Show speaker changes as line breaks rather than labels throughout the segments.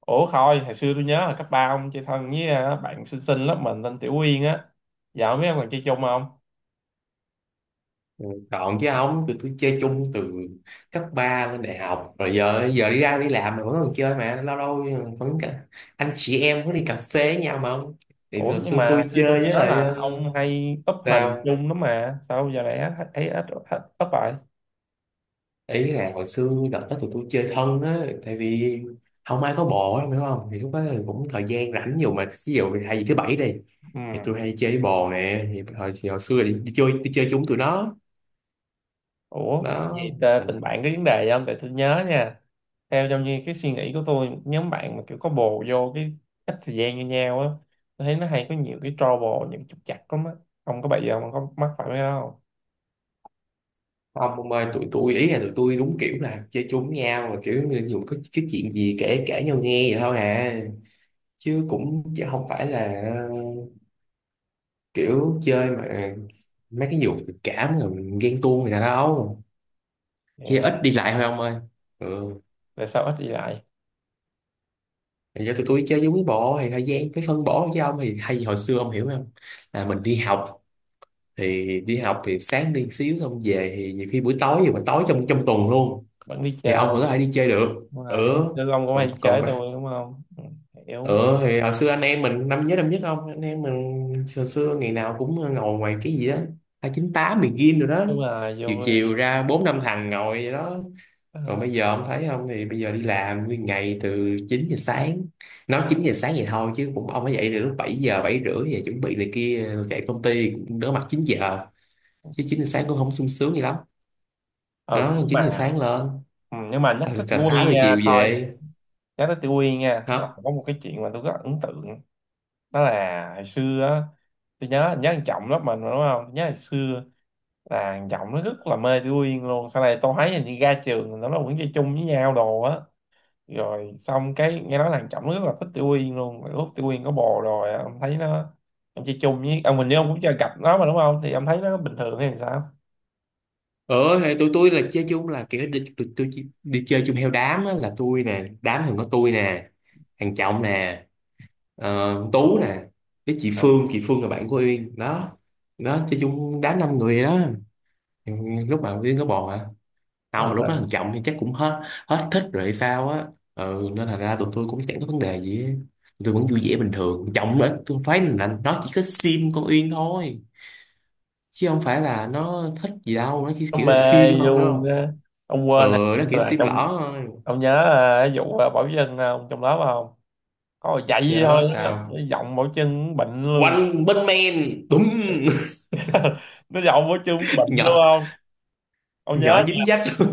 Ủa thôi, hồi xưa tôi nhớ là cấp 3 ông chơi thân với bạn xinh xinh lớp mình tên Tiểu Uyên á. Dạo mấy ông còn chơi chung không?
Ừ, còn chứ không, tụi tôi chơi chung từ cấp 3 lên đại học. Rồi giờ giờ đi ra đi làm mà vẫn còn chơi mà. Lâu lâu vẫn cả, anh chị em có đi cà phê với nhau mà không? Thì
Ủa
hồi
nhưng
xưa
mà hồi
tôi
xưa tôi
chơi với
nhớ
lại
là ông hay up hình
sao?
chung lắm mà. Sao giờ này thấy ít ít up rồi?
Ý là hồi xưa đợt đó tụi tôi chơi thân á. Tại vì không ai có bồ á, hiểu không? Thì lúc đó thì cũng thời gian rảnh nhiều mà. Ví dụ hay gì thứ bảy đi,
Ừ.
thì tôi hay đi chơi với bồ nè. Thì hồi xưa đi chơi chung tụi nó
Ủa,
đó.
vậy
Thành
tình bạn có vấn đề gì không? Tại tôi nhớ nha. Theo trong như cái suy nghĩ của tôi, nhóm bạn mà kiểu có bồ vô cái ít thời gian như nhau á, tôi thấy nó hay có nhiều cái trouble, những trục trặc lắm á. Ông có bị gì không? Ông có mắc phải mấy cái đó không?
không ông ơi, tụi tôi ý là tụi tôi đúng kiểu là chơi chung với nhau mà kiểu như dù có cái chuyện gì kể kể nhau nghe vậy thôi à. Chứ không phải là kiểu chơi mà mấy cái vụ tình cảm rồi ghen tuông người ta đâu,
Vậy
chơi
hả?
ít đi lại thôi ông ơi. Ừ,
Tại sao ít đi lại?
thì do tụi tôi chơi với quý bộ thì thời gian phải phân bổ. Với ông thì hay hồi xưa ông hiểu không, là mình đi học. Thì đi học thì sáng đi xíu xong về thì nhiều khi buổi tối rồi, mà tối trong trong tuần luôn
Vẫn đi
thì ông vẫn có
chơi.
thể đi chơi được.
Đúng rồi
Ừ,
giống sư ông cũng hay
còn còn
chế tôi đúng không, ừ, hiểu.
ừ thì hồi xưa anh em mình năm, nhớ năm nhất không, anh em mình hồi xưa ngày nào cũng ngồi ngoài cái gì đó hai chín tám begin rồi đó.
Đúng là
Chiều
vui.
chiều ra bốn năm thằng ngồi vậy đó. Còn
Ờ,
bây giờ ông thấy không, thì bây giờ đi làm nguyên ngày từ 9 giờ sáng. Nói 9 giờ sáng vậy thôi chứ cũng ông phải dậy từ lúc 7 giờ 7 rưỡi về chuẩn bị này kia chạy công ty cũng đỡ mặt 9 giờ, chứ 9 giờ sáng cũng không sung sướng gì lắm.
ờ, ừ,
Đó,
nhưng mà
9 giờ sáng lên
ừ, nhưng mà nhắc
rồi
tới
trà
Tiểu
6
Quyên
giờ
nha
chiều
thôi,
về.
nhắc tới Tiểu Quyên nha là
Hả?
có một cái chuyện mà tôi rất là ấn tượng. Đó là hồi xưa á, tôi nhớ nhớ thằng Trọng lớp mình mà, đúng không, nhớ hồi xưa là thằng Trọng nó rất là mê Tiểu Quyên luôn. Sau này tôi thấy hình như ra trường nó vẫn chơi chung với nhau đồ á, rồi xong cái nghe nói thằng Trọng rất là thích Tiểu Uyên luôn, mà lúc Tiểu Uyên có bồ rồi ông thấy nó, ông chơi chung với ông mình nếu ông cũng chưa gặp nó mà đúng không, thì ông thấy nó bình thường hay sao?
Ờ thì tụi tôi là chơi chung là kiểu đi, đi chơi chung theo đám á, là tôi nè, đám thường có tôi nè, thằng Trọng nè, con Tú nè, với chị
À,
Phương. Chị Phương là bạn của Uyên đó. Đó, chơi chung đám năm người đó. Ừ, lúc mà Uyên có bò hả?
đúng
Không, mà lúc đó
rồi.
thằng Trọng thì chắc cũng hết, hết thích rồi hay sao á. Ừ nên là ra tụi tôi cũng chẳng có vấn đề gì á. Tụi tôi vẫn vui vẻ bình thường. Trọng nữa, tôi phải là nó chỉ có sim con Uyên thôi, chứ không phải là nó thích gì đâu, nó chỉ
Nó
kiểu là
mê
sim thôi phải
luôn
không.
á. Ông
Ờ,
quên hồi xưa
nó kiểu
là
sim
trong,
lỏ thôi.
ông nhớ à, cái vụ à, Bảo Trân à, ông trong lớp không, có mà chạy vậy thôi
Nhớ
á, nó
sao,
giọng Bảo Trân cũng bệnh luôn.
quanh bên men tùm.
Nó giọng Bảo Trân cũng bệnh luôn
Nhỏ,
không? Ông
nhỏ
nhớ,
dính dách.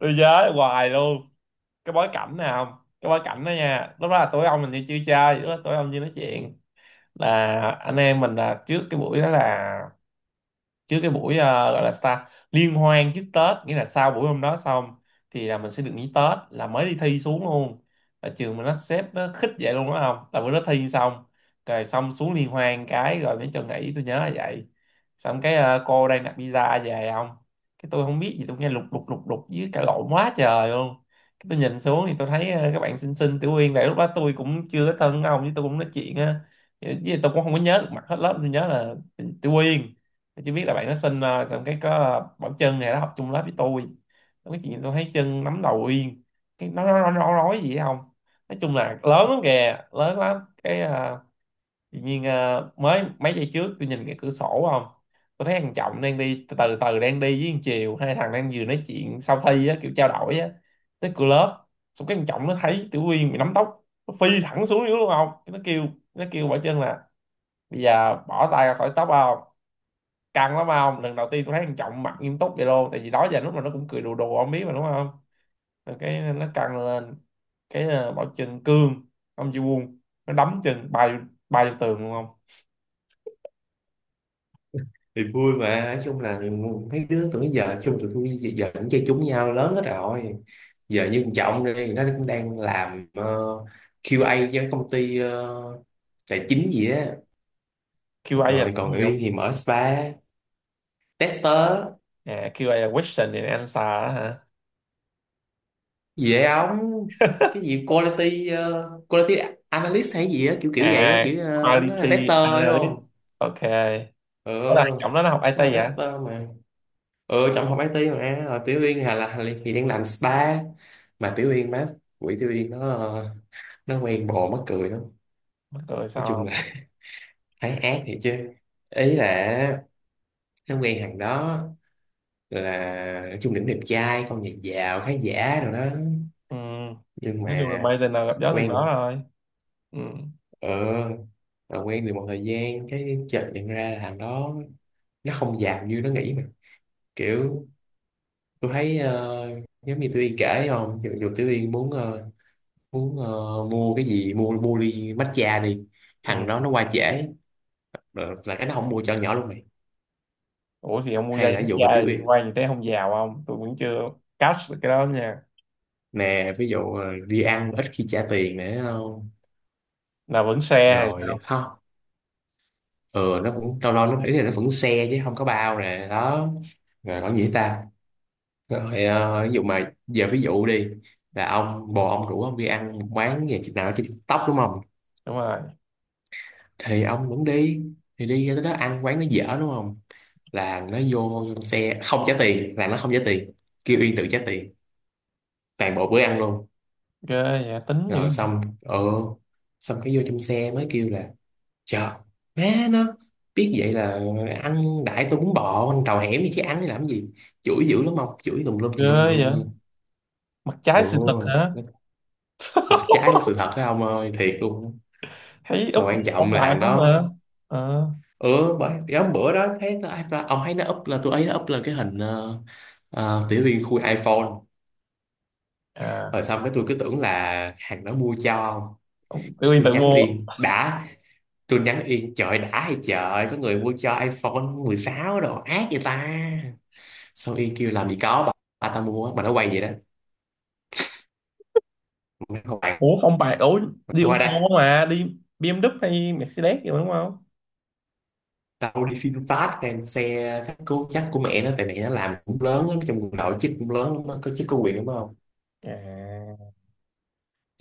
tôi nhớ hoài luôn. Cái bối cảnh nào không, cái bối cảnh đó nha, lúc đó là tụi ông mình đi chưa chơi, lúc đó tụi ông đi nói chuyện là anh em mình là trước cái buổi đó, là trước cái buổi gọi là start liên hoan trước Tết, nghĩa là sau buổi hôm đó xong thì là mình sẽ được nghỉ Tết, là mới đi thi xuống luôn ở trường mình, nó xếp nó khích vậy luôn đó. Không là bữa đó thi xong rồi xong xuống liên hoan cái rồi mới cho nghỉ, tôi nhớ là vậy. Xong cái cô đang đặt pizza về không, cái tôi không biết gì, tôi nghe lục lục lục lục với cả lộn quá trời luôn. Cái tôi nhìn xuống thì tôi thấy các bạn xinh xinh Tiểu Uyên vậy, lúc đó tôi cũng chưa có thân với ông, với tôi cũng nói chuyện á, với lại tôi cũng không có nhớ được mặt hết lớp, tôi nhớ là Tiểu Uyên, tôi chỉ biết là bạn nó xin xong cái có Bảo Trân này nó học chung lớp với tôi. Xong cái chuyện tôi thấy Trân nắm đầu Uyên, cái nó nói gì ấy không, nói chung là lớn lắm kìa, lớn lắm. Cái tự nhiên mới mấy giây trước tôi nhìn cái cửa sổ không, tôi thấy thằng Trọng đang đi từ từ từ đang đi với thằng Chiều, hai thằng đang vừa nói chuyện sau thi á, kiểu trao đổi á, tới cửa lớp. Xong cái thằng Trọng nó thấy Tiểu Uyên bị nắm tóc, nó phi thẳng xuống dưới luôn không, cái nó kêu, nó kêu Bảo Trân là bây giờ bỏ tay ra khỏi tóc không, căng lắm không, lần đầu tiên tôi thấy thằng Trọng mặt nghiêm túc vậy luôn, tại vì đó giờ lúc mà nó cũng cười đùa đùa ông biết mà đúng không. Rồi cái nó căng lên, cái Bảo chân cương, ông Ji Won, nó đấm chân bay, bay vô tường luôn không.
Thì vui mà. Nói chung là mấy đứa tụi nó giờ chung tụi tôi giờ cũng chơi chung với nhau lớn hết rồi. Giờ như thằng Trọng đi, nó cũng đang làm QA cho công ty tài chính gì á.
QA là
Rồi
cái
còn
gì
Uyên
không?
thì mở spa. Tester,
À, QA là question and answer á hả?
dễ ống, cái gì quality. Ờ, Quality analyst hay gì á, kiểu kiểu vậy á,
À,
kiểu nó là tester,
quality
đúng
analyst.
không?
OK. Có là
Ờ,
Trọng đó nó học
nó
IT
là
vậy?
tester mà. Trong học IT mà. Ờ, Tiểu Uyên là thì đang làm spa. Mà Tiểu Uyên má, quỷ Tiểu Uyên nó nó quen bồ mắc cười lắm.
Mắc cười
Nói
sao
chung
không?
là thấy ác thiệt chứ. Ý là nó quen thằng đó, là nói chung đỉnh đẹp trai con nhà giàu khá giả rồi đó.
Ừ.
Nhưng
Nói chung là
mà
mê tình nào gặp gió từng
quen
đó
một
rồi. Ừ.
ờ rồi quen được một thời gian cái chợt nhận ra là thằng đó nó không giàu như nó nghĩ mà, kiểu tôi thấy giống như Tiểu Yên kể không, dù Tiểu Yên muốn muốn ờ, mua cái gì, mua mua ly matcha đi,
Ừ.
thằng đó nó qua trễ là cái nó không mua cho nhỏ luôn mày.
Ủa thì ông mua
Hay
dây
là ví
quốc
dụ
gia
mà
là
Tiểu
liên
Yên
quan gì tới không giàu không, tôi vẫn chưa catch được cái đó nha.
nè, ví dụ đi ăn ít khi trả tiền nữa không.
Là vẫn xe hay
Rồi
sao?
không, ừ nó cũng lâu lâu nó nghĩ là nó vẫn xe chứ không có bao nè đó. Rồi còn gì ta, rồi ví dụ mà giờ ví dụ đi, là ông bồ ông rủ ông đi ăn một quán nhà chị nào trên TikTok đúng không.
Đúng rồi.
Thì ông vẫn đi, thì đi ra tới đó ăn quán nó dở đúng không, là nó vô trong xe không trả tiền, là nó không trả tiền, kêu Uyên tự trả tiền toàn bộ bữa ăn luôn.
Ghê vậy, tính dữ.
Rồi xong xong cái vô trong xe mới kêu là trời má, nó biết vậy là ăn đại, tôi muốn bò ăn trầu hẻm gì chứ ăn để làm gì. Chửi dữ lắm ông, chửi tùm lum
Ghê
tùm lum tùm
vậy.
lum.
Mặt
Ừ,
trái sự thật hả?
mặt trái của sự thật đó ông ơi, thiệt luôn á.
Thấy úp
Mà quan
hình phong
trọng là
bạc
thằng
không
đó.
mà. Ờ.
Ừ, bởi cái hôm bữa đó thấy ta, ta, ông thấy nó up là, tôi ấy nó up lên cái hình tiểu liên khui iPhone.
À,
Rồi xong cái tôi cứ tưởng là hàng đó mua cho ông.
tự
Cái
nhiên
tôi
tự
nhắn
mua.
Yên đã, tôi nhắn Yên trời đã hay trời, có người mua cho iPhone 16 đồ ác vậy ta. Xong Yên kêu làm gì có bà ta mua mà nó quay vậy đó, mày
Ủa phong bạc. Ủa đi
không
ô
qua
tô
đây.
mà đi BMW hay Mercedes gì mà đúng không?
Tao đi phim fast fan xe chắc cố chắc của mẹ nó, tại mẹ nó làm cũng lớn lắm trong quần đội, chức cũng lớn lắm á, có chức có quyền đúng không.
À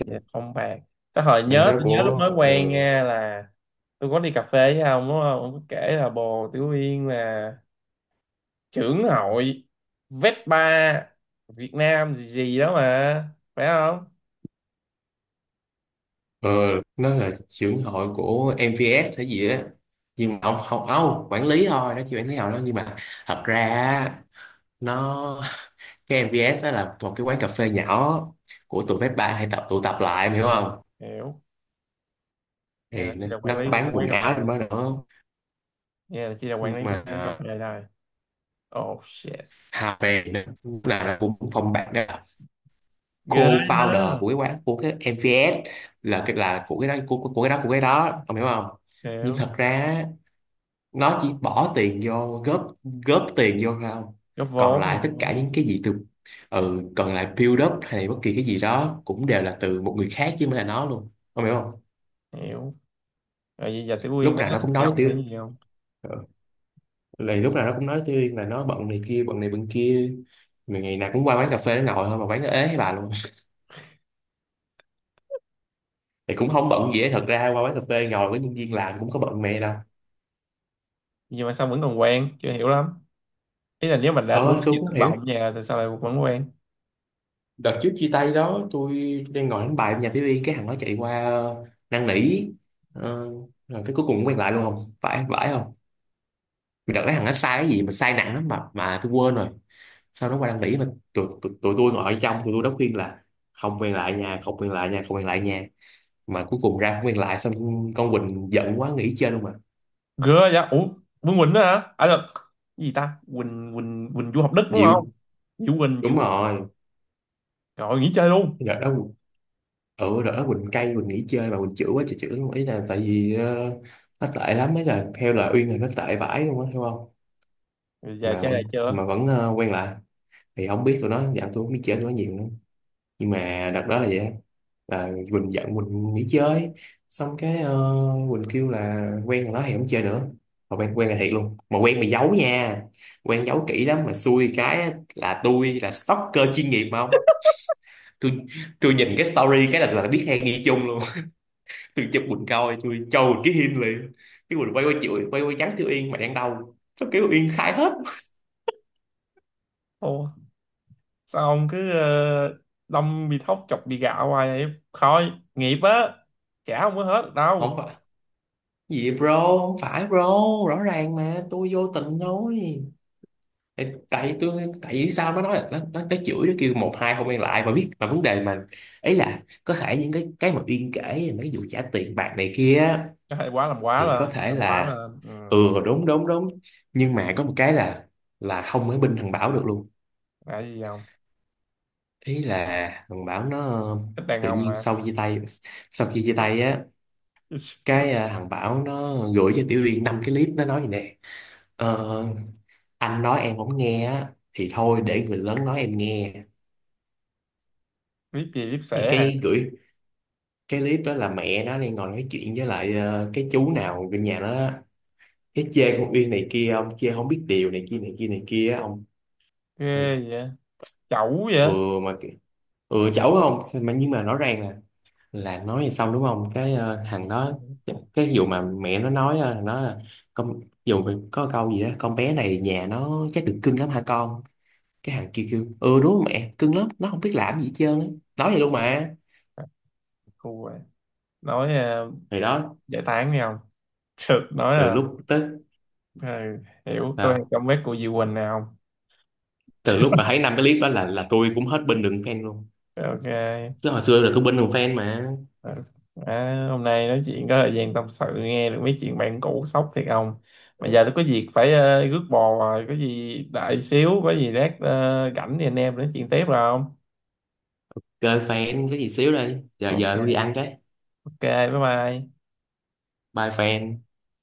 dạ, phong bạc. Cái hồi
Mình
nhớ,
cái đó
tôi nhớ lúc
của,
mới
ừ.
quen nha là tôi có đi cà phê với ông đúng không, ông có kể là bồ Tiểu Uyên là trưởng hội Vespa Việt Nam gì gì đó mà phải không?
Ờ, nó là trưởng hội của MVS hay gì á, nhưng mà ông không, ông quản lý thôi, nó chỉ quản lý hội đó. Nhưng mà thật ra á, nó cái MVS đó là một cái quán cà phê nhỏ của tụi phép ba hay tụ tập lại, em hiểu không.
Hiểu. Nghe là
Thì nó,
chị là quản
nó
lý của cái
bán quần
quán cà phê.
áo trong đó nữa.
Nghe là chị là quản
Nhưng
lý của
mà
cái quán cà phê đây. Oh shit.
Hà về, nó cũng là phòng bạn đó, là
Ghê. Ha.
co-founder của cái quán của cái MVS. Là cái, là của cái đó, của cái đó của cái đó, ông hiểu không. Nhưng
Hiểu.
thật ra nó chỉ bỏ tiền vô góp, góp tiền vô thôi không.
Góp
Còn
vốn, góp
lại tất cả
vốn.
những cái gì từ, ừ còn lại build up hay bất kỳ cái gì đó cũng đều là từ một người khác chứ không phải là nó luôn không, hiểu không.
Hiểu. Rồi bây giờ Tiểu Uyên
Lúc
nó
nào
có
nó
thất
cũng nói
vọng hay
tôi.
gì không?
Ừ. Lại lúc nào nó cũng nói tôi là nó bận này kia, bận này bận kia. Mà ngày nào cũng qua quán cà phê nó ngồi thôi, mà quán nó ế hay bà luôn thì cũng không bận gì hết. Thật ra qua quán cà phê ngồi với nhân viên làm cũng có bận mẹ đâu.
Nhưng mà sao vẫn còn quen, chưa hiểu lắm, ý là nếu mình đã quá
Ờ tôi
nhiều
cũng không
thất
hiểu.
vọng nhà thì sao lại vẫn quen.
Đợt trước chia tay đó, tôi đang ngồi đánh bài ở nhà TV, cái thằng nó chạy qua năn nỉ, ờ, rồi cái cuối cùng cũng quen lại luôn không phải, phải không. Đợt đấy thằng nó sai cái gì mà sai nặng lắm mà tôi quên rồi. Sau nó qua năn nỉ mà, tụi tụi, tụi tôi ngồi ở trong, tụi tôi đã khuyên là không quen lại nhà, không quen lại nhà, không quen lại nhà. Mà cuối cùng ra không quen lại xong con Quỳnh giận quá nghỉ chơi luôn mà.
Ghê vậy ủa. Vương Quỳnh đó hả, à được, cái gì ta, Quỳnh Quỳnh Quỳnh du học Đức đúng
Diệu.
không? Diệu Quỳnh, Diệu
Đúng
Quỳnh.
rồi.
Rồi nghỉ chơi luôn.
Đợt đó, ừ rồi đó, Quỳnh cay, Quỳnh nghỉ chơi mà. Quỳnh chữa quá trời chữa luôn. Ý là tại vì nó tệ lắm, ấy là theo lời Uyên là nó tệ vãi luôn á, hiểu không.
Bây giờ
Mà
chơi lại
vẫn,
chưa?
quen lại, thì không biết tụi nó dạo, tôi không biết chơi tụi nó nhiều nữa. Nhưng mà đợt đó là vậy á. Là Quỳnh giận, Quỳnh nghỉ chơi. Xong cái Quỳnh kêu là quen rồi đó thì không chơi nữa. Mà quen, quen là thiệt luôn mà quen bị giấu nha, quen giấu kỹ lắm. Mà xui cái á, là tôi là stalker chuyên nghiệp mà không. Tôi tôi nhìn cái story cái là biết hay nghi chung luôn. Tôi chụp Quỳnh coi, tôi cho Quỳnh cái hin liền. Cái Quỳnh quay qua chửi, quay qua trắng Tiêu Yên mày đang đâu sao, kiểu Yên khai hết.
Ô, sao ông cứ đâm bị thóc chọc bị gạo hoài vậy? Thôi, nghiệp á. Chả không có hết được đâu.
Không phải gì bro, không phải bro, rõ ràng mà tôi vô tình thôi. Tại tại tôi Tại vì sao nó nói là nó chửi, nó kêu một hai không quen lại mà biết mà. Vấn đề mà ấy là có thể những cái mà Yên kể là mấy vụ trả tiền bạc này kia á,
Hay quá, làm quá
thì có
lên,
thể
làm quá
là,
lên. Ừ,
ừ đúng đúng đúng. Nhưng mà có một cái là không ở bên thằng Bảo được luôn.
là gì không?
Ý là thằng Bảo nó
Thích đàn
tự
ông
nhiên
mà.
sau khi chia tay, sau khi chia tay á cái thằng Bảo nó gửi cho Tiểu Uyên năm cái clip. Nó nói gì nè, ờ, anh nói em không nghe á thì thôi để người lớn nói em nghe.
Biết gì biết
Thì
sẻ
cái
hả?
gửi cái clip đó là mẹ nó đang ngồi nói chuyện với lại cái chú nào gần nhà nó á. Cái chê con Uyên này kia, ông kia không biết điều này kia này kia này kia á, ông. Ừ.
Ghê vậy? Chẩu
Ừ
vậy?
mà kì- ừ cháu không. Mà nhưng mà rõ ràng nè, là nói thì xong đúng không, cái thằng
Ừ,
đó, cái vụ mà mẹ nó nói thằng đó là con, dù mà có câu gì đó con bé này nhà nó chắc được cưng lắm hả con. Cái thằng kia kêu ừ đúng rồi mẹ, cưng lắm nó không biết làm gì hết trơn á. Nói vậy luôn mà.
khu vậy. Nói, uh,
Thì đó,
giải tán đi không? Thực nói
từ
là
lúc tới
ừ, hiểu tôi hay
nào,
comment của Diệu Quỳnh nào không?
từ lúc mà thấy năm cái clip đó là tôi cũng hết binh đường fan luôn.
OK.
Chứ hồi xưa là tôi binh đường fan mà.
Ờ. À, hôm nay nói chuyện có thời gian tâm sự nghe được mấy chuyện bạn cũ, sốc thiệt không, mà giờ tôi có việc phải rước bò rồi, có gì đợi xíu, có gì lát rảnh thì anh em nói chuyện tiếp rồi không?
Chơi fan cái gì xíu đây, giờ giờ tôi đi
OK.
ăn cái.
OK, bye bye.
Bye fan.